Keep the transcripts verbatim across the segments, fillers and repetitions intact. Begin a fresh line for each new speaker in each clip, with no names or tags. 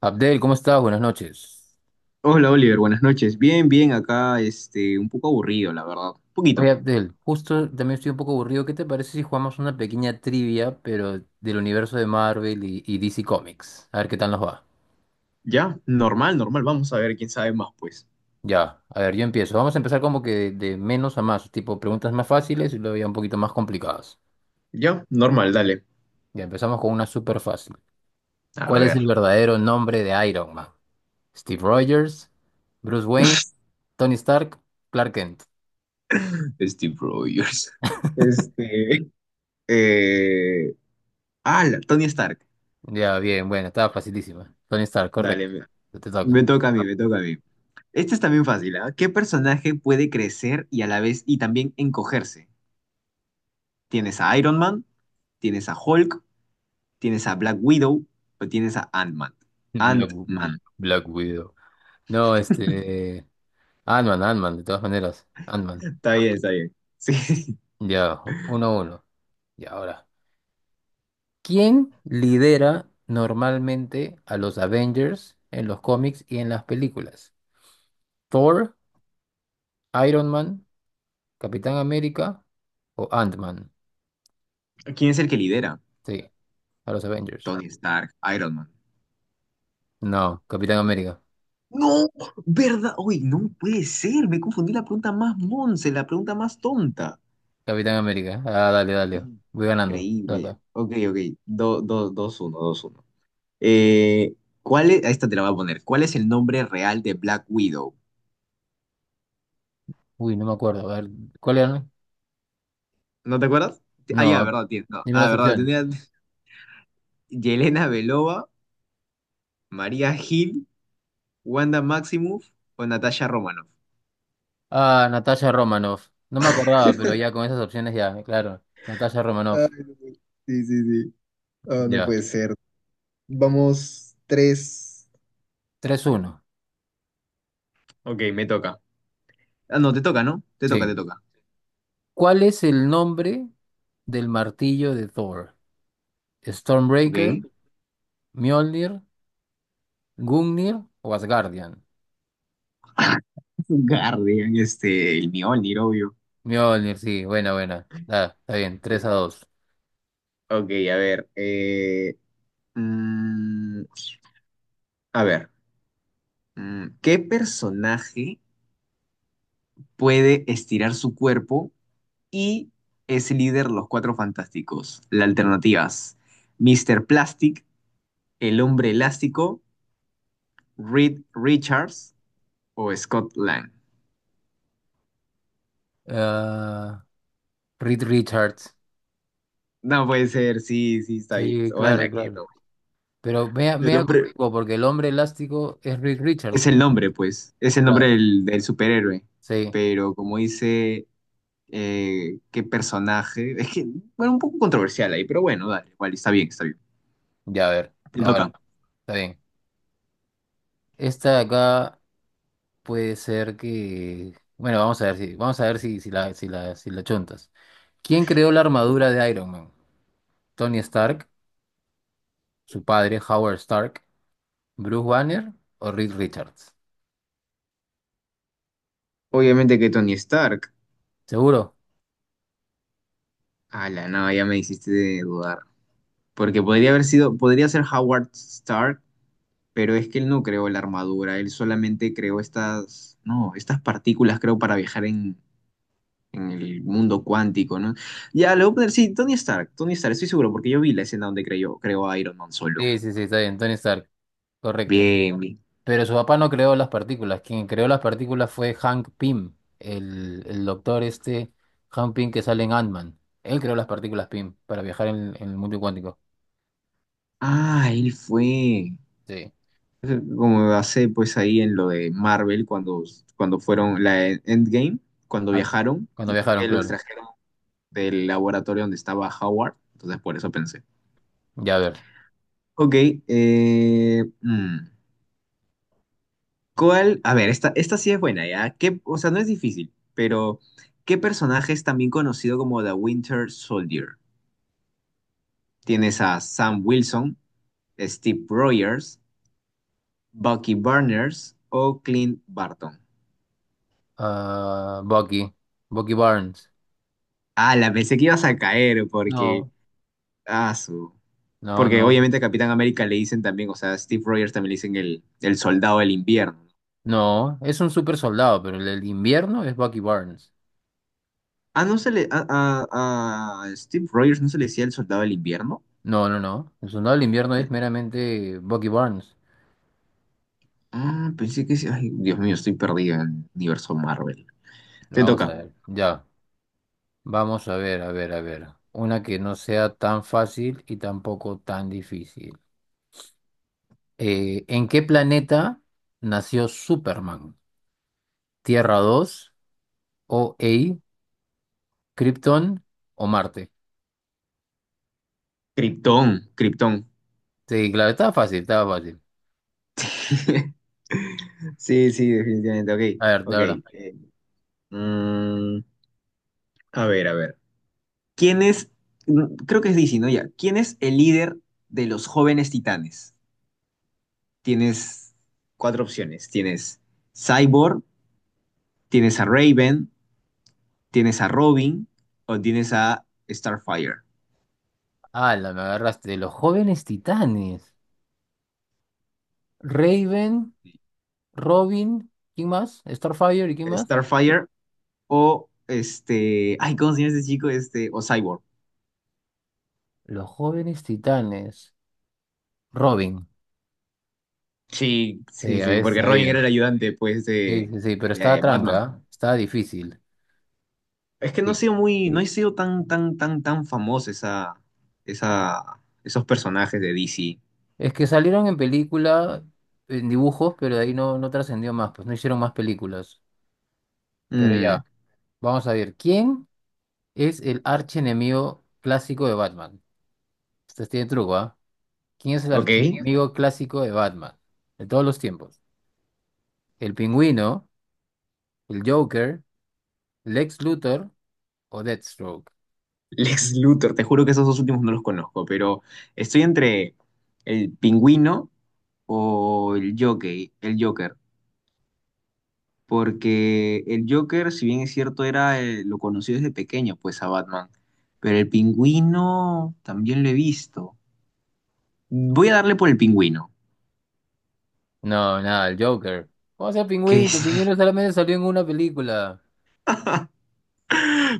Abdel, ¿cómo estás? Buenas noches.
Hola Oliver, buenas noches. Bien, bien, acá este, un poco aburrido, la verdad. Un
Oye,
poquito.
Abdel, justo también estoy un poco aburrido. ¿Qué te parece si jugamos una pequeña trivia, pero del universo de Marvel y, y D C Comics? A ver qué tal nos va.
Ya, normal, normal. Vamos a ver quién sabe más, pues.
Ya, a ver, yo empiezo. Vamos a empezar como que de, de menos a más, tipo preguntas más fáciles y luego ya un poquito más complicadas.
Ya, normal, dale.
Ya empezamos con una súper fácil.
A
¿Cuál es el
ver,
verdadero nombre de Iron Man? ¿Steve Rogers? ¿Bruce Wayne? ¿Tony Stark? ¿Clark Kent?
Steve Rogers. Este. Eh... Ah, la- Tony Stark.
Ya, bien, bueno, estaba facilísima. Tony Stark,
Dale,
correcto.
me,
Te toca.
me toca a mí, me toca a mí. Este es también fácil, ¿ah? ¿Qué personaje puede crecer y a la vez y también encogerse? ¿Tienes a Iron Man? ¿Tienes a Hulk? ¿Tienes a Black Widow? ¿O tienes a Ant-Man?
Black,
Ant-Man.
Black Widow. No, este. Ant-Man, Ant-Man, de todas maneras. Ant-Man.
Está bien, está bien. Sí.
Ya, uno a uno. Y ahora. ¿Quién lidera normalmente a los Avengers en los cómics y en las películas? ¿Thor, Iron Man, Capitán América o Ant-Man?
¿Quién es el que lidera?
Sí, a los Avengers.
Tony Stark, Iron Man.
No, Capitán América.
No, ¿verdad? Uy, no puede ser. Me confundí la pregunta más monse, la pregunta más tonta.
Capitán América. Ah, dale, dale. Voy ganando.
Increíble.
Acá.
Ok, ok. Do- do- dos uno dos uno. Eh, ¿cuál es? A Esta te la voy a poner. ¿Cuál es el nombre real de Black Widow?
Uy, no me acuerdo. A ver, ¿cuál era?
¿No te acuerdas? Ah, ya,
No,
verdad, tiene. No.
dime
Ah,
las
verdad,
opciones.
tenía. Yelena Belova, María Gil, Wanda Maximoff o Natasha Romanoff.
Ah, Natasha Romanoff. No me acordaba, pero ya con esas opciones ya, claro. Natasha
Ay,
Romanoff.
no puede- Sí, sí, sí. Oh, no
Ya.
puede ser. Vamos, tres.
tres uno.
Ok, me toca. Ah, no, te toca, ¿no? Te toca, te
Sí.
toca.
¿Cuál es el nombre del martillo de Thor?
Ok.
¿Stormbreaker, Mjolnir, Gungnir o Asgardian?
Guardian, este, el Mjolnir, obvio.
Mjolnir, sí, buena, buena. Ah, está bien, Tres a
Eh,
dos.
Ok, a ver. eh, mm, a ver. mm, ¿qué personaje puede estirar su cuerpo y es líder de los Cuatro Fantásticos? Las alternativas: míster Plastic, el hombre elástico, Reed Richards o Scott Lang.
Ah, Reed Richards.
No puede ser, sí, sí, está bien.
Sí, claro,
Ojalá que
claro.
no.
Pero me
El
me
nombre
contigo, porque el hombre elástico es Reed Richards.
es el nombre, pues. Es el nombre
Claro,
del, del superhéroe.
sí.
Pero como dice, eh, qué personaje. Es que, bueno, un poco controversial ahí, pero bueno, dale, igual, está bien, está bien.
Ya, a ver.
Te
Ahora,
toca.
está bien. Esta de acá. Puede ser que. Bueno, vamos a ver si, vamos a ver si, si la, si la, si la chuntas. ¿Quién creó la
Ok.
armadura de Iron Man? ¿Tony Stark, su padre, Howard Stark, Bruce Banner o Reed Richards?
Obviamente que Tony Stark.
¿Seguro?
Ala no, ya me hiciste de dudar. Porque podría haber sido, podría ser Howard Stark, pero es que él no creó la armadura, él solamente creó estas, no, estas partículas, creo, para viajar en, en el mundo cuántico, ¿no? Ya, le voy a poner, sí, Tony Stark, Tony Stark, estoy seguro, porque yo vi la escena donde creó, creó a Iron Man solo.
Sí, sí, sí, está bien, Tony Stark, correcto.
Bien, bien.
Pero su papá no creó las partículas. Quien creó las partículas fue Hank Pym, el, el doctor este, Hank Pym que sale en Ant-Man. Él creó las partículas Pym para viajar en, en el mundo cuántico.
Ah, él fue.
Sí.
Como hace pues ahí en lo de Marvel, cuando, cuando fueron la Endgame, cuando
Ah,
viajaron
cuando
y
viajaron,
que lo
claro.
extrajeron del laboratorio donde estaba Howard, entonces por eso pensé.
Ya a ver.
Ok, eh, mm. ¿Cuál? A ver, esta, esta sí es buena, ¿ya? ¿Qué, o sea, no es difícil, pero ¿qué personaje es también conocido como The Winter Soldier? Tienes a Sam Wilson, Steve Rogers, Bucky Barnes o Clint Barton.
Ah, Bucky. Bucky Barnes.
Ah, la pensé que ibas a caer porque...
No,
Ah, su...
no,
Porque
no.
obviamente a Capitán América le dicen también, o sea, a Steve Rogers también le dicen el, el soldado del invierno.
No, es un super soldado, pero el del invierno es Bucky Barnes.
Ah, no se le... A, a- a Steve Rogers no se le decía el soldado del invierno.
No, no, no. El soldado del invierno es meramente Bucky Barnes.
Ah, pensé que sí. Ay, Dios mío, estoy perdido en el universo Marvel. Te
Vamos a
toca.
ver. Ya. Vamos a ver, a ver, a ver. Una que no sea tan fácil y tampoco tan difícil. Eh, ¿en qué planeta nació Superman? ¿Tierra dos o OA, Krypton o Marte?
Krypton, Krypton.
Sí, claro, estaba fácil, estaba fácil.
Sí, sí, definitivamente. Ok,
A ver,
ok.
ahora.
Eh, mm, a ver, a ver. ¿Quién es? mm, Creo que es D C, ¿no? Ya. ¿Quién es el líder de los jóvenes titanes? Tienes cuatro opciones. Tienes Cyborg, tienes a Raven, tienes a Robin o tienes a Starfire.
la me agarraste. Los jóvenes titanes. Raven, Robin, ¿quién más? Starfire y ¿quién más?
Starfire o este, ay, ¿cómo se llama este chico? Este, o Cyborg.
Los jóvenes titanes. Robin.
Sí,
Sí,
sí,
a
sí,
veces
porque Robin era
sabía.
el ayudante, pues,
Sí,
de,
sí, sí, pero estaba
de
tranca,
Batman.
¿ah? Estaba difícil.
Es que no ha
Sí.
sido muy, no ha sido tan, tan, tan, tan famoso esa, esa, esos personajes de D C.
Es que salieron en película, en dibujos, pero de ahí no, no trascendió más, pues no hicieron más películas. Pero
Mm,
ya, vamos a ver. ¿Quién es el archienemigo clásico de Batman? Este tiene truco, ¿ah? ¿Quién es el
ok.
archienemigo clásico de Batman? De todos los tiempos. el pingüino, el Joker, Lex Luthor o Deathstroke.
Lex Luthor, te juro que esos dos últimos no los conozco, pero estoy entre el pingüino o el Joker, el Joker. Porque el Joker, si bien es cierto, era eh, lo conocí desde pequeño, pues a Batman, pero el pingüino también lo he visto. Voy a darle por el pingüino,
No, nada, el Joker. ¿Cómo sea
que
pingüino?
es...
El pingüino solamente salió en una película.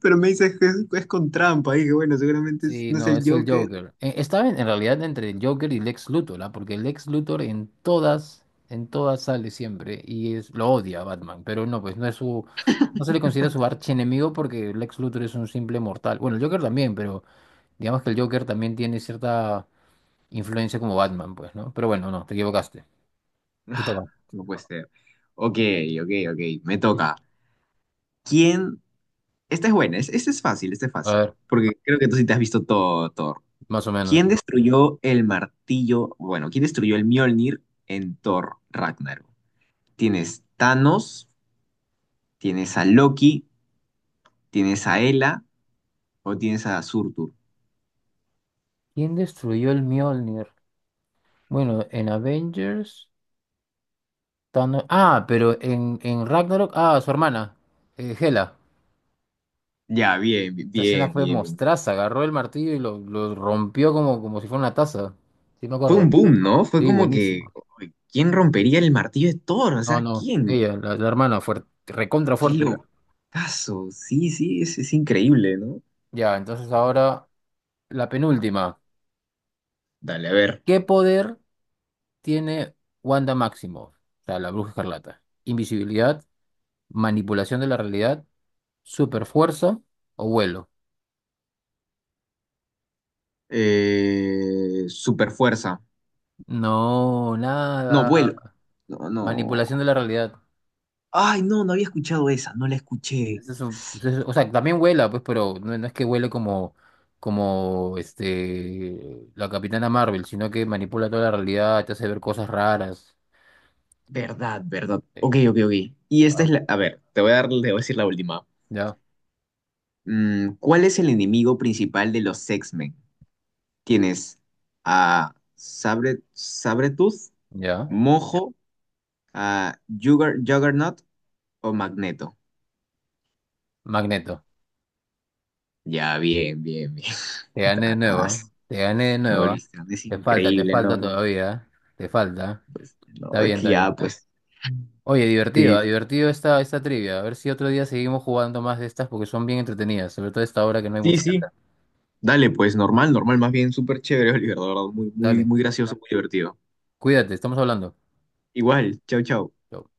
Pero me dices que es, es con trampa, y que bueno, seguramente es-
Sí,
no es
no,
el
es el
Joker.
Joker. Eh, Estaba en, en, realidad entre el Joker y Lex Luthor, ¿ah? Porque Lex Luthor en todas, en todas sale siempre y es, lo odia a Batman, pero no, pues no es su, no se le considera su archienemigo porque Lex Luthor es un simple mortal. Bueno, el Joker también, pero digamos que el Joker también tiene cierta influencia como Batman, pues, ¿no? Pero bueno, no, te equivocaste. Te
Ah,
toca.
no puede ser. Ok, ok, ok, me
Mm.
toca. ¿Quién? Esta es buena, es- esta es fácil, esta es
A
fácil,
ver,
porque creo que tú sí te has visto todo, Thor.
más o menos.
¿Quién destruyó el martillo? Bueno, ¿quién destruyó el Mjolnir en Thor Ragnarok? Tienes Thanos, tienes a Loki, tienes a Hela o tienes a Surtur.
¿Quién destruyó el Mjolnir? Bueno, en Avengers. Thanos- Ah, pero en, en Ragnarok. Ah, su hermana, eh, Hela.
Ya, bien, bi-
Esa escena
bien,
fue
bien, bien.
mostraza. Agarró el martillo y lo, lo rompió como, como si fuera una taza. Sí, me
Fue un
acuerdo.
boom, ¿no? Fue
Sí,
como que,
buenísimo.
uy, ¿quién rompería el martillo de Thor? O
No,
sea,
no.
¿quién?
Ella, la, la hermana, fuerte. Recontra
Qué
fuerte era.
locazo. Sí, sí, es, es increíble, ¿no?
Ya, entonces ahora la penúltima.
Dale, a ver.
¿Qué poder tiene Wanda Maximoff? O sea, la Bruja Escarlata. Invisibilidad, manipulación de la realidad Super fuerza o vuelo.
Eh, super fuerza.
No,
No,
nada.
vuelo. No,
Manipulación
no.
de la realidad.
Ay, no, no había escuchado esa, no la escuché.
Ese es un- ese es- O sea, también vuela, pues, pero no, no es que vuele como, como este, la Capitana Marvel, sino que manipula toda la realidad, te hace ver cosas raras.
Verdad, verdad.
Sí.
Ok, ok, ok. Y esta es
Ah,
la... A ver, te voy a dar, te voy a decir la última.
Ya,
Mm, ¿cuál es el enemigo principal de los X Men? Tienes a Sabre, Sabretooth,
ya.
Mojo, a Jugger- Juggernaut o Magneto.
Magneto.
Ya, bien, bien, bien.
Te gané de
Ah,
nuevo. Te gané de
me
nuevo.
volviste, es
Te falta, te
increíble,
falta
¿no?
todavía. Te falta.
Pues, no,
Está
es
bien,
que
está
ya,
bien.
pues.
Oye, divertido,
Sí,
ah, divertido esta, esta trivia. A ver si otro día seguimos jugando más de estas porque son bien entretenidas, sobre todo esta hora que no hay
sí,
mucho que hacer.
sí. Dale, pues, normal, normal, más bien súper chévere, Oliver, de verdad, muy, muy,
Dale,
muy gracioso, muy divertido.
cuídate, estamos hablando.
Igual, chau, chau.
Chau.